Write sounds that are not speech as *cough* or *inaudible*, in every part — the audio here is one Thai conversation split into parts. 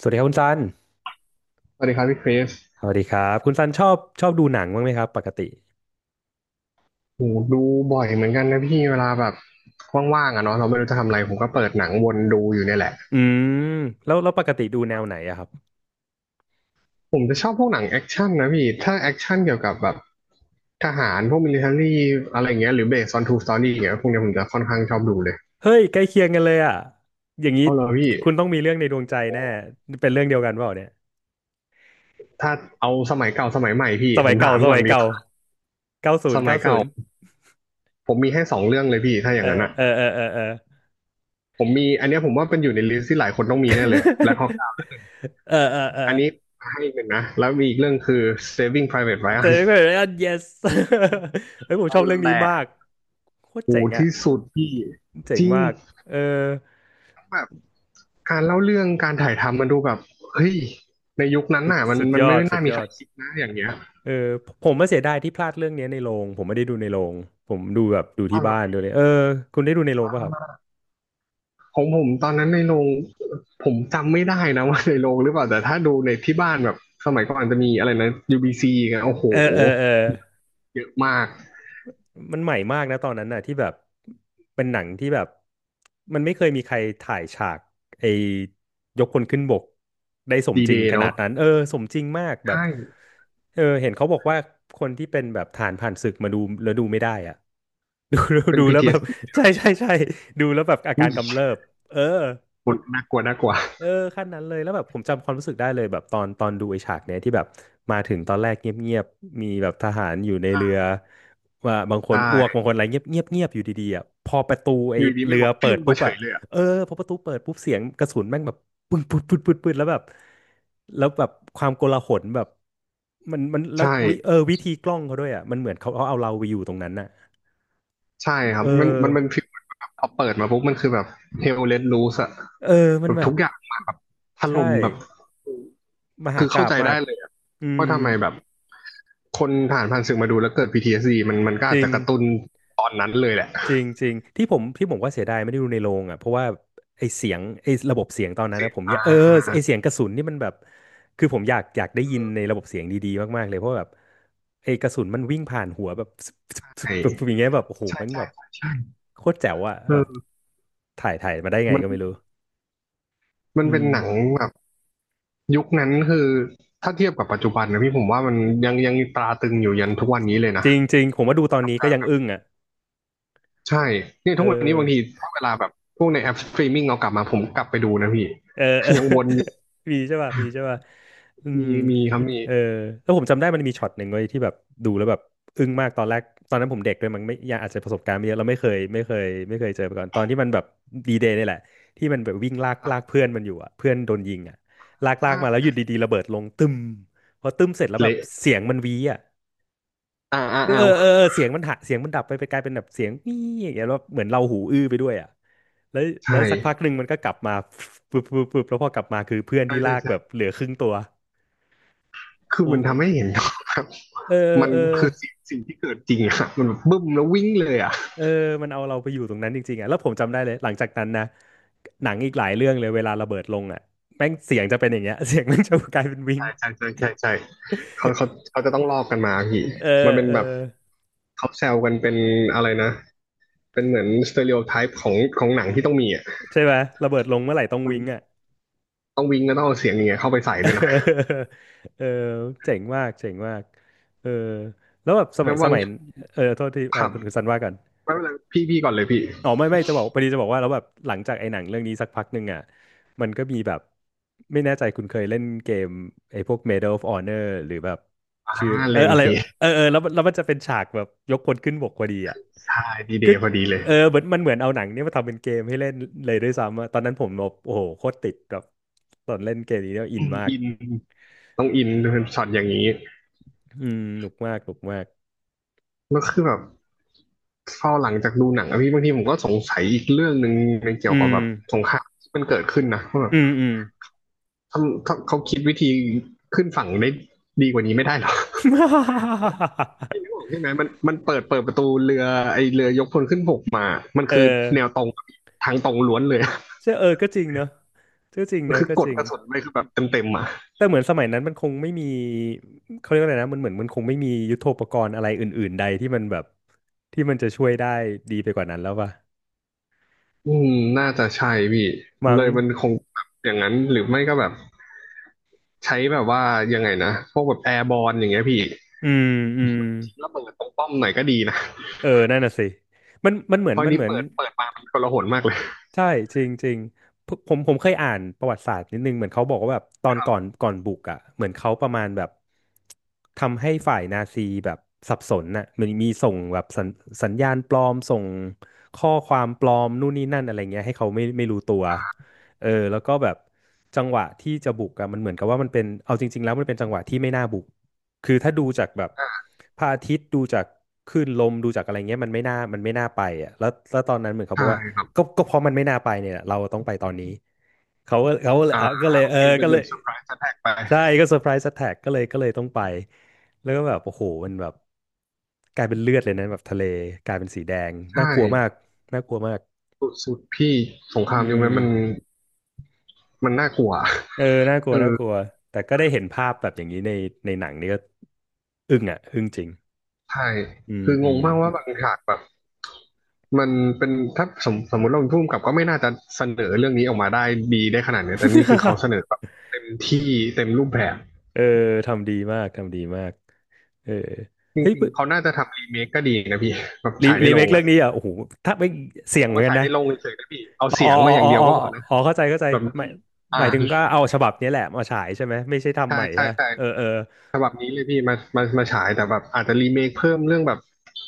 สวัสดีครับคุณซันสวัสดีครับพี่คริสสวัสดีครับคุณซันชอบดูหนังบ้างไหมครับปกติโหดูบ่อยเหมือนกันนะพี่เวลาแบบว่างๆอะเนาะเราไม่รู้จะทำอะไรผมก็เปิดหนังวนดูอยู่เนี่ยแหละ อืมแล้วปกติดูแนวไหนอะครับผมจะชอบพวกหนังแอคชั่นนะพี่ถ้าแอคชั่นเกี่ยวกับแบบทหารพวกมิลิเทอรี่อะไรเงี้ยหรือ based on true story อย่างเงี้ยพวกเนี้ยผมจะค่อนข้างชอบดูเลยเฮ้ยใกล้เคียงกันเลยอะอย่างนี้เอาเลยพี่คุณต้องมีเรื่องในดวงใจแน่เป็นเรื่องเดียวกันเปล่าเนี่ยถ้าเอาสมัยเก่าสมัยใหม่พี่สผมัยมเก่าถามสก่อมันยดีเก่ากว่าเก้าศูสนย์มัเก้ายศูเก่านย์ผมมีให้สองเรื่องเลยพี่ถ้าอเอย่าองนั้นอะเออเออเออเออ ผมมีอันเนี้ยผมว่าเป็นอยู่ในลิสต์ที่หลายคนต้องมีแน่เลย Black Hawk Down *laughs* เออเออเอออันนี้ให้อีกหนึ่งนะแล้วมีอีกเรื่องคือ Saving Private เจอ Ryan กัน yes *laughs* เฮ้ยผมชนั่อนบเรื่องแหนี้ละ มากโคตรโหเจ๋งอะที่สุดพี่เจ๋จงริงมากเออแบบการเล่าเรื่องการถ่ายทำมันดูแบบเฮ้ยในยุคนั้นสุดน่ะมันสุดมัยนอไม่ดสุน่าดมียใคอรด คิดนะอย่างเงี้ยเออผมมาเสียดายที่พลาดเรื่องเนี้ยในโรงผมไม่ได้ดูในโรงผมดูแบบดูเอาที่เหรอบ้านดูเลยเออคุณได้ดูในโรงป่ะครับของผมตอนนั้นในโรงผมจำไม่ได้นะ *laughs* ว่าในโรงหรือเปล่าแต่ถ้าดูในที่บ้านแบบสมัยก่อนจะมีอะไรนะ UBC กันโอ้โหเออเออเออเยอะมากมันใหม่มากนะตอนนั้นน่ะที่แบบเป็นหนังที่แบบมันไม่เคยมีใครถ่ายฉากไอ้ยกคนขึ้นบกได้สมดีจเดริงย์ขนาเนาะดนั้นเออสมจริงมากแบบใช่เออเห็นเขาบอกว่าคนที่เป็นแบบทหารผ่านศึกมาดูแล้วดูไม่ได้อ่ะ *laughs* ดูดูเป็น ดูแล้วแบบ PTSD เอสดีเล *laughs* ยคใช่รับพี่ใช่ใช่ดูแล้วแบบอากาอุ้รยกำเริบเออ น่ากลัวน่ากลัวเออขั้นนั้นเลยแล้วแบบผมจำความรู้สึกได้เลยแบบตอนดูไอ้ฉากเนี้ยที่แบบมาถึงตอนแรกเงียบๆมีแบบทหารอยู่ในเรือว่าบางคใชนอ้วกบาง่คนอะไรเงียบเงียบเงียบอยู่ดีๆอ่ะพอประตูไอ้อยู่ดีเรืไม่องอกเปิปิ้วดปุ๊มาบเฉอ่ะยเลยอ่ะเออพอประตูเปิดปุ๊บเสียงกระสุนแม่งแบบปึ้งปึ๊ดปึ๊ดปึ๊ดปึ๊ดแล้วแบบแล้วแบบความโกลาหลแบบมันแล้ใชววิเออ่ วิธีกล้องเขาด้วยอ่ะมันเหมือนเขาเอาเราไปอยู่ตรงนั้นน่ะใช่ครัเอบมันอเป็นฟิลแบบพอเปิดมาปุ๊บมันคือแบบเฮลเล t รูสอะเออมัแบนบแบทุบกอย่างมาแบบถใช่ล่มแบบมหาคือกาเข้าพใจย์มาได้กเลยอะอืว่ามทำไมแบบคนผ่านศึกมาดูแล้วเกิด PTSD มันก็จอาจริง จะกระตุ้นตอนนั้นเลยแหละจริงจริงที่ผมว่าเสียดายไม่ได้ดูในโรงอ่ะเพราะว่าไอเสียงไอระบบเสียงตอนนั้นเสีนะยงผมอยากอ่าไอเสียงกระสุนนี่มันแบบคือผมอยากได้เอยินในอระบบเสียงดีๆมากๆเลยเพราะแบบไอกระสุนมันวิ่งผ่านหัวแบบซึบซึบซึบใช่แบบอย่างเงี้ยแบบโอ้โหใช่มันใช่แบบใช่ใช่โคตรแจ๋วอ่ะแบบเออถ่ายมาได้ไงมันก็ไม่รู้มันอืเป็นมหนังแบบยุคนั้นคือถ้าเทียบกับปัจจุบันนะพี่ผมว่ามันยังตราตรึงอยู่ยันทุกวันนี้เลยจนะ ริงจริงผมว่าดูตอนนี้ก็ยังอึ้งอ่ะใช่เนี่ยเอทุอ กวันนี้บางทีถ้าเวลาแบบพวกในแอปสตรีมมิ่งเรากลับมาผมกลับไปดูนะพี่ เออ *laughs* เออ *laughs* ยังวนอยู่ *laughs* มีใช่ป่ะมีใช่ป่ะอืมมีครับมีเออแล้วผมจำได้มันมีช็อตหนึ่งเว้ยที่แบบดูแล้วแบบอึ้งมากตอนแรกตอนนั้นผมเด็กด้วยมันไม่ยังอาจจะประสบการณ์ไม่เยอะเราไม่เคยเจอมาก่อนตอนที่มันแบบดีเดย์นี่แหละที่มันแบบวิ่งลากลากเพื่อนมันอยู่อ่ะเพื่อนโดนยิงอ่ะลากลาอ่กมาแล้วอยู่าดีๆระเบิดลงตึมพอตึมเสร็จแล้วแบบเละเสียงมันวีอ่ะ อ่าอ่าเอออาเออวเออเออเสียงมันหะเสียงมันดับไปกลายเป็นแบบเสียงนี่อย่างเงี้ยแล้วเหมือนเราหูอื้อไปด้วยอ่ะแล้วใช่แล้วสักพักหนึ่งมันก็กลับมาปึ๊บปึ๊บปึ๊บแล้วพอกลับมาคือเพื่อนใช่ที่ลาใช่กแบบใช่เหลือครึ่งตัวคือโอ้มันโหทำให้เห็นครับเออมันเออคือสิ่งที่เกิดจริงอะมันแบบบึ้มแล้ววิ่งเลยอะเออมันเอาเราไปอยู่ตรงนั้นจริงๆอ่ะแล้วผมจำได้เลยหลังจากนั้นนะหนังอีกหลายเรื่องเลยเวลาระเบิดลงอ่ะแม่งเสียงจะเป็นอย่างเงี้ย *laughs* เสียงแม่งจะกลายเป็นวิงใช่ใช่ใช่ใช่ใช่เขาจะต้องลอกกันมาพี่เอมันอเป็นเออแบบเขาแซวกันเป็นอะไรนะเป็นเหมือนสเตอริโอไทป์ของหนังที่ต้องมีอะใช่ไหมระเบิดลงเมื่อไหร่ต้องมันวิงอ่ะ ต้องวิ่งก็ต้องเอาเสียงอย่างเงี้ยเข้าไปใส่ *laughs* ด้วยนะเออเจ๋งมากเจ๋งมากเออแล้วแบบสมัแล้ยวสบางมัยช่วงเออโทษทีเออขับ คุณซันว่ากันไม่เป็นไรพี่พี่ก่อนเลยพี่อ๋อไม่จะบอกพอดีจะบอกว่าแล้วแบบหลังจากไอ้หนังเรื่องนี้สักพักหนึ่งอ่ะมันก็มีแบบไม่แน่ใจคุณเคยเล่นเกมไอ้พวก Medal of Honor หรือแบบอ่าชื่อเลนอะไรพี่เออเออแล้วมันจะเป็นฉากแบบยกคนขึ้นบกพอดีอ่ะใช่ดีเดก็ย์พอดีเลยเออเหมือนมันเหมือนเอาหนังเนี้มาทำเป็นเกมให้เล่นเลยด้วยซ้ำอะตอนนั้นผมแบบโอ้โหโคตรติดแบบตอนเล่นเกมนี้เนี่ยอินมากอินต้องอินเป็นช็อตอย่างนี้อืมหนุกมากหนุกมาก แล้วคือแบบเฝ้าหลังจากดูหนังอะพี่บางทีผมก็สงสัยอีกเรื่องหนึ่งในเกี่อืยวกับม แบบสงครามที่มันเกิดขึ้นนะว่าแบอืบมอืม ทำเขาคิดวิธีขึ้นฝั่งได้ดีกว่านี้ไม่ได้หรอ *laughs* พี่นึกออกใช่ไหมมันเปิดประตูเรือไอเรือยกพลขึ้นบกมามันเออคือแนวตรงทางตรงล้วนเลย ใช่เออก็จริงเนอะก็จริง *laughs* มัเนนอะคือก็กจดริงกระสุนไปคือแบบเต็มอ่ะ แต่เหมือนสมัยนั้นมันคงไม่มีเขาเรียกว่าอะไรนะมันเหมือนมันคงไม่มียุทโธปกรณ์อะไรอื่นๆใดที่มันแบบที่มันจะช่วยได้ดีไปกว่านั้นแล้วป่ะอืมน่าจะใช่พี่มั้เลงยมันคงแบบอย่างนั้นหรือไม่ก็แบบใช้แบบว่ายังไงนะพวกแบบแอร์บอลอย่างเงี้ยพี่อืมอืมแล้วเปิดตรงป้อมหน่อยก็ดีนะเออนั่นน่ะสิมันมันเหมือเพนราะอัมันนนี้เหมือน เปิดมามันกลาหนมากเลยใช่จริงจริงผมเคยอ่านประวัติศาสตร์นิดนึงเหมือนเขาบอกว่าแบบตอนครัก่อนบก่อนบุกอ่ะเหมือนเขาประมาณแบบทำให้ฝ่ายนาซีแบบสับสนน่ะเหมันมีส่งแบบสัญญาณปลอมส่งข้อความปลอมนู่นนี่นั่นอะไรเงี้ยให้เขาไม่รู้ตัวเออแล้วก็แบบจังหวะที่จะบุกอ่ะมันเหมือนกับว่ามันเป็นเอาจริงๆแล้วมันเป็นจังหวะที่ไม่น่าบุก คือถ้าดูจากแบบอ่าพระอาทิตย์ดูจากคลื่นลมดูจากอะไรเงี้ยมันไม่น่าไปอ่ะแล้วตอนนั้นเหมือนเขาบใช่อกว่าครับก็เพราะมันไม่น่าไปเนี่ยเราต้องไปตอนนี้เขาก็เลยอ่าเอาก็เลยโอเคเป็นก็เหเลมือยนเซอร์ไพรส์แทกไปใช่ก็เซอร์ไพรส์แท็กก็เลยต้องไปแล้วก็แบบโอ้โหมันแบบกลายเป็นเลือดเลยนะแบบทะเลกลายเป็นสีแดงใชน่ากลัวมาก่น่ากลัวมากสุดสุดพี่สงคอืรามยุคมนั้นมันมันน่ากลัวเออน่ากลัเอวน่าอกลัวแต่ก็ได้เห็นภาพแบบอย่างนี้ในในหนังนี่ก็อึ้งอ่ะอึ้งจริงใช่อืมคืองอืงม มากว่าบางฉากแบบ มันเป็นถ้าสมมติเราเป็นผู้กำกับก็ไม่น่าจะเสนอเรื่องนี้ออกมาได้ดีได้ขนาดเนี้ยแต่นี่คือเขาเสนอ *laughs* แบบเต็มที่เต็มรูปแบบเออทำดีมากทำดีมากเออจเฮ้ยริงๆเขาน่าจะทำรีเมคก็ดีนะพี่ *laughs* แบบฉายในรีโรเมคงเรื่อ่ะองนี้อ่ะโอ้โหถ้าไม่เสี่ยงเขาเหมืก็อนกัฉานยในนะโรงเฉยๆนะพี่เอาอ๋เสีอยงมาอย่าอ๋องเดียวอ๋ออ๋อก็พอนะอ๋อเข้าใจเข้าใจแบบหมายหอ่ามายถึงก็เอาฉบับนี้แหละมาฉายใช่ไหมไม่ใช่ทำใช่ใหม่ใช่ใช่ปะใช่เออเออฉบับนี้เลยพี่มามามาฉายแต่แบบอาจจะรีเมคเพิ่มเรื่องแบบ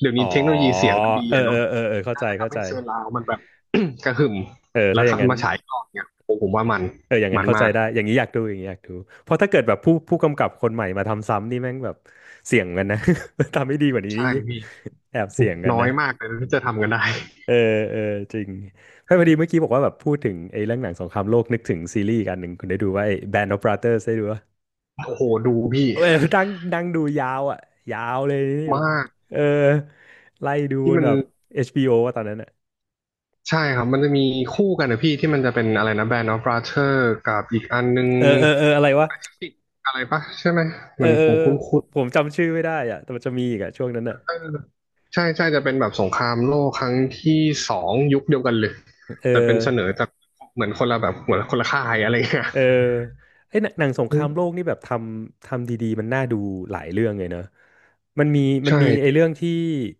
เดี๋ยวอ๋นี้อเทคโนโลยีเสียงมันดีเอออะเออเนาะเออเออเข้าใจเข้าทำใจให้เซอร์ราวด์มันแบบ *coughs* *clears throat* กระหึ่มเออแล้ถ้าวอย่างนั้นมาฉายก่อนเนี่ยว่ามันเอออย่างนั้มันนเข้าใจมากได้อย่างนี้อยากดูอย่างนี้อยากดูเพราะถ้าเกิดแบบผู้กำกับคนใหม่มาทำซ้ำนี่แม่งแบบเสี่ยงกันนะ *laughs* ทำไม่ดีกว่านี้ใช่นี่พี่แอบเสี่ยงกันน้อนะ ยมากเลยที่จะทำกันได้ เออเออจริงไม่พอดีเมื่อกี้บอกว่าแบบพูดถึงไอ้เรื่องหนังสงครามโลกนึกถึงซีรีส์อีกอันหนึ่งคุณได้ดูว่าไอ้ Band of Brothers ได้ดูว่าโอ้โหดูพี่เออ *laughs* นั่งนั่งดูยาวอ่ะยาวเลยนี่แบมาบกเออไล่ดูบที่นมันแบบ HBO ว่าตอนนั้นอ่ะใช่ครับมันจะมีคู่กันนะพี่ที่มันจะเป็นอะไรนะแบนด์ออฟบราเธอร์กับอีกอันนึงเออเออเอออะไรวะอะไรปะใช่ไหมเหเอมืออนเออผมคุ้ผมนผมจำชื่อไม่ได้อ่ะแต่มันจะมีอีกอ่ะช่วงนั้นอ่ะๆใช่ใช่จะเป็นแบบสงครามโลกครั้งที่สองยุคเดียวกันเลยเออ แต่เป็นเสนอจากเหมือนคนละแบบเหมือนคนละค่ายอะไรเงี้ยเออไอ้ยหนังสงครามโลกนี่แบบทำดีๆมันน่าดูหลายเรื่องเลยเนอะมันมีมันใช่มีไอ้พี่เรื่องที่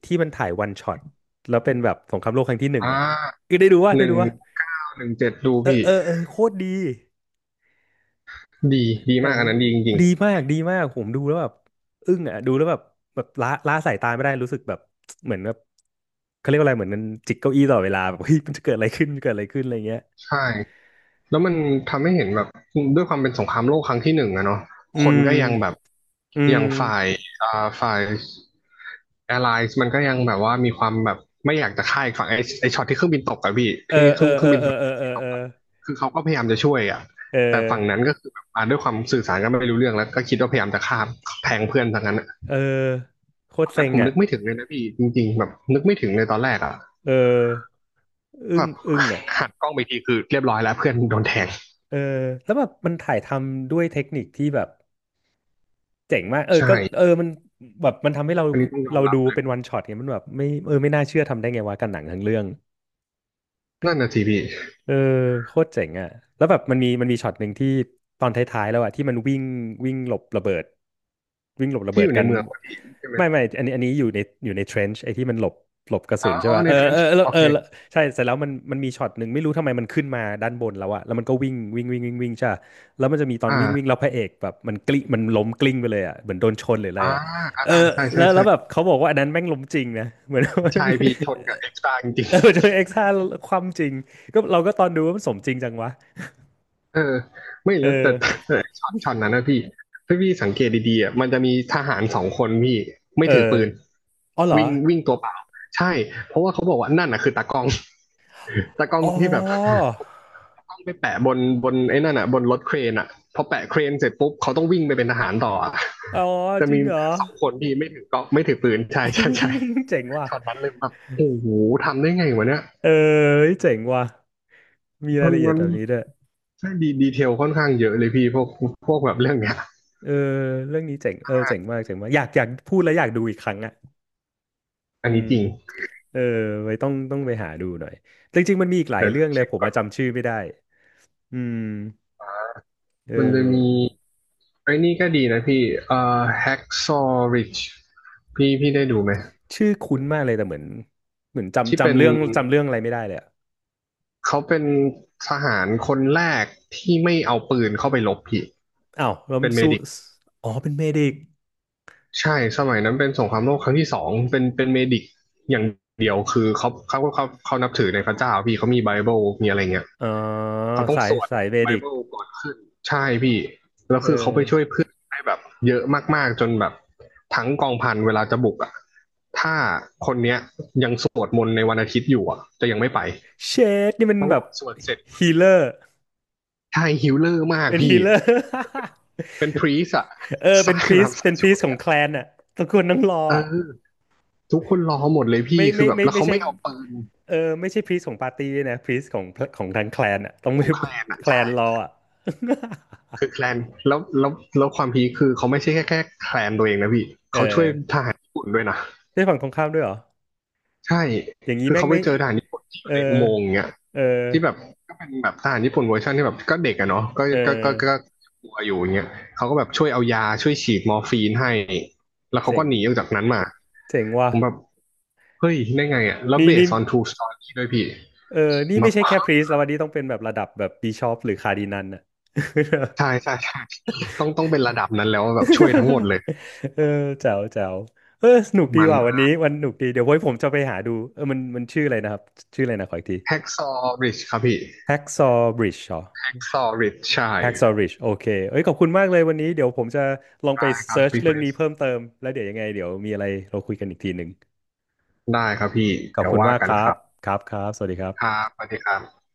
ที่มันถ่ายวันช็อตแล้วเป็นแบบสงครามโลกครั้งที่หนึ่งอ่อ่ะาคือได้ดูว่าหได้นึ่งดูว่าเก้าหนึ่งเจ็ดดูเออพี่เออเออโคตรดีดีดีหนัมากงอันนั้นดีจริงดีมากดีมากผมดูแล้วแบบอึ้งอ่ะดูแล้วแบบแบบละสายตาไม่ได้รู้สึกแบบเหมือนแบบเขาเรียกว่าอะไรเหมือนมันจิกเก้าอี้ตลอดเวลาแบบเฮ้ยมันจะเกิดอะไรขึ้นเกิดอะไรขึ้นอะไรเงี้ยๆใช่ แล้วมันทำให้เห็นแบบด้วยความเป็นสงครามโลกครั้งที่หนึ่งอะเนาะอืคนก็ยังแบบมอือย่างมฝ่ายอ่าฝ่ายแอร์ไลน์มันก็ยังแบบว่ามีความแบบไม่อยากจะฆ่าอีกฝั่งไอ้ช็อตที่เครื่องบินตกอะพี่เออที่เคเอรื่อองเคเอรื่อองบินเออฝั่งเออเออตเอกออะคือเขาก็พยายามจะช่วยอะเอแต่อ ฝั่งนั้นก็คือแบบด้วยความสื่อสารกันไม่รู้เรื่องแล้วก็คิดว่าพยายามจะฆ่าแทงเพื่อนทางนั้นอะเออโคตตรอนนั้เซ็นงผมอ่ะนึกไม่ถึงเลยนะพี่จริงๆแบบนึกไม่ถึงเลยตอนแรกอะเออแบบอึ้งอ่ะหันกล้องไปทีคือเรียบร้อยแล้วเพื่อนโดนแทงเออแล้วแบบมันถ่ายทำด้วยเทคนิคที่แบบเจ๋งมากเออก็เออใช่มันแบบมันทำให้เราอันนี้ต้องยอมเรารัดูบเลย เป็นวันช็อตไงมันแบบไม่เออไม่น่าเชื่อทำได้ไงวะกันหนังทั้งเรื่อง นั่นน่ะสิพี่เออโคตรเจ๋งอ่ะแล้วแบบมันมีมันมีช็อตหนึ่งที่ตอนท้ายๆแล้วอ่ะที่มันวิ่งวิ่งหลบระเบิดวิ่งหลบระเบิที่อดยู่ในกันเมืองพอดีใช่ไหมไม่อันนี้อันนี้อยู่ในอยู่ในเทรนช์ไอ้ที่มันหลบหลบกระอ๋สุอนใช่อ๋อป่ะในเออเทรนเออช์เออโอเออเคแล้วใช่เสร็จแล้วมันมีช็อตหนึ่งไม่รู้ทำไมมันขึ้นมาด้านบนแล้วอ่ะแล้วมันก็วิ่งวิ่งวิ่งวิ่งวิ่งใช่ปะแล้วมันจะมีตอนวิ่งวิ่งแล้อ่าวพระเอกแบบมันกลิ้งมันล้มกลิ้งไปเลยอ่ะเหมือนโดนชนหรืออะไรอ่าอ่ะเออใช่แล้ใช่วแล้ใช่วแบบเขาบอกว่าอันนั้นแม่งล้มจริงนะเหมือน ใช่พี่ชนกั *laughs* บเอ็กซ์ตร้าจริงเออ *laughs* จนเอ็กซ์ห้าความจริงก็เราก็ตอนดูว่ามันสมจริงจังวะๆเออไม่เอแล้วแต่อแต่แต่ช็อตนั้นนะพี่ถ้าพี่สังเกตดีๆอ่ะมันจะมีทหารสองคนพี่ไม่เออถือปืนอ๋อเหรอวิ่งวิ่งตัวเปล่าใช่เพราะว่าเขาบอกว่านั่นน่ะคือตากล้องตากล้องอ๋อที่แบบ ต้องไปแปะบนไอ้นั่นอ่ะบนรถเครนอ่ะพอแปะเครนเสร็จปุ๊บเขาต้องวิ่งไปเป็นทหารต่ออ่ะ อ๋อ *laughs* จะจริมีงเหรอ สองคนที่ไม่ถือก็ไม่ถือปืนใช่ใช่ใช่ *laughs* เจ๋งว่ะช็อตนั้นเลยแบบโอ้โหทำได้ไงวะเนี่ยเออเจ๋งว่ะมีรามัยนละเอียดมันแบบนี้ด้วยใช่ดีดีเทลค่อนข้างเยอะเลยพี่พวกแบบเรื่องเนี้ยเออเรื่องนี้เจ๋งเออเจ๋งมากเจ๋งมากอยากพูดแล้วอยากดูอีกครั้งอ่ะอันอืนี้มจริงเออไว้ต้องไปหาดูหน่อยจริงๆมันมีอีกหลายเดี๋ยวเรื่องเลยเช็คผมก่อมานจำชื่อไม่ได้อืมเอมันจะมีอไอ้นี่ก็ดีนะพี่Hacksaw Ridge พี่ได้ดูไหมชื่อคุ้นมากเลยแต่เหมือนเหมือนที่เป็จำน เรื่องอะไรไม่ได้เลยอะ เขาเป็นทหารคนแรกที่ไม่เอาปืนเข้าไปรบพี่อ้าวแล้วเป็มันนเมสู้ดิกอ๋อเป็นเมดิกใช่สมัยนั้นเป็นสงครามโลกครั้งที่สองเป็นเมดิกอย่างเดียวคือเขานับถือในพระเจ้าพี่เขามีไบเบิลมีอะไรเงี้ยอ๋อเขาต้องสาสยวดสายเมไบดิกเบิลก่อนขึ้นใช่พี่แล้วเออคือเขาไปช่วยเพื่อนได้แบบเยอะมากๆจนแบบทั้งกองพันเวลาจะบุกอ่ะถ้าคนเนี้ยยังสวดมนต์ในวันอาทิตย์อยู่อ่ะจะยังไม่ไปเชดนี่มันแล้อแบบสวดเสร็จฮีเลอร์ใช่ฮิลเลอร์มากเป็นฮี พี่ *laughs* เลอร์เป็นพรีสอะ เออ *laughs* เป็สานยพรีแบสบเป็สานยพรีช่สวยของอะแคลนอ่ะตระกูลนังรอเออ่ะอ ทุกคนรอหมดเลยพี่ ไม่คือไม่แบบไม่แล้วไม่เขาใช่ไม่เอาปืนเออไม่ใช่พรีสของปาร์ตี้ด้วยนะพรีสของของทางแคลนอ่ะต้องขไม่องแคลนอะแคลใช่ นรออ่ะ คือแคลน แล้วแล้วแล้วความพีคคือเขาไม่ใช่แค่แคลนตัวเองนะพี่ *laughs* เอเขาช่วยทอหารญี่ปุ่นด้วยนะ ได้ฝั่งตรงข้ามด้วยเหรอใช่ อย่างนี้คือแม่งเขาไปไม่เจอทหารญี่ปุ่นที่อเอยู่อในอุโมงค์อย่างเงี้ยเออที่แบบก็เป็นแบบทหารญี่ปุ่นเวอร์ชันที่แบบก็เด็กอะเนาะก็เออก็ก็ก็กลัวอยู่อย่างเงี้ยเขาก็แบบช่วยเอายาช่วยฉีดมอร์ฟีนให้ แล้วเขาเจ๋ก็งหนีออกจากนั้นมา เจ๋งว่ะผมแบบ เฮ้ย ได้ไงอะ แล้วนี่เบสนี่ ออนทูสตอรี่ด้วยพี่เออผนี่มแบไม่บใช่แค่พรีสแล้ววันนี้ต้องเป็นแบบระดับแบบบิชอปหรือคาร์ดินัลน่ะ ใช่ใช่ใช่ต้องเป็นระดับนั้นแล้วแบบช่วยทั้งหมดเลย *laughs* เออแจ๋วแจ๋วเออสนุกดีมันว่ะวันนี้วันสนุกดี เดี๋ยวไว้ผมจะไปหาดูเออมันมันชื่ออะไรนะครับ ชื่ออะไรนะขออีกที แฮกซอริชครับพี่ Hacksaw Bridge เหรอ แฮกซอริชใช่ Hacksaw Ridge โอเคเอ้ยขอบคุณมากเลยวันนี้ เดี๋ยวผมจะลองไปได้ครับเซิร์ชพี่คเรื่องรินี้สเพิ่มเติม แล้วเดี๋ยวยังไง เดี๋ยวมีอะไรเราคุยกันอีกทีหนึ่ง ได้ครับพี่ขอบเดี๋ยวคุณว่ามากกันคครับรับครับครับสวัสดีครัครับบสวัสดีครับ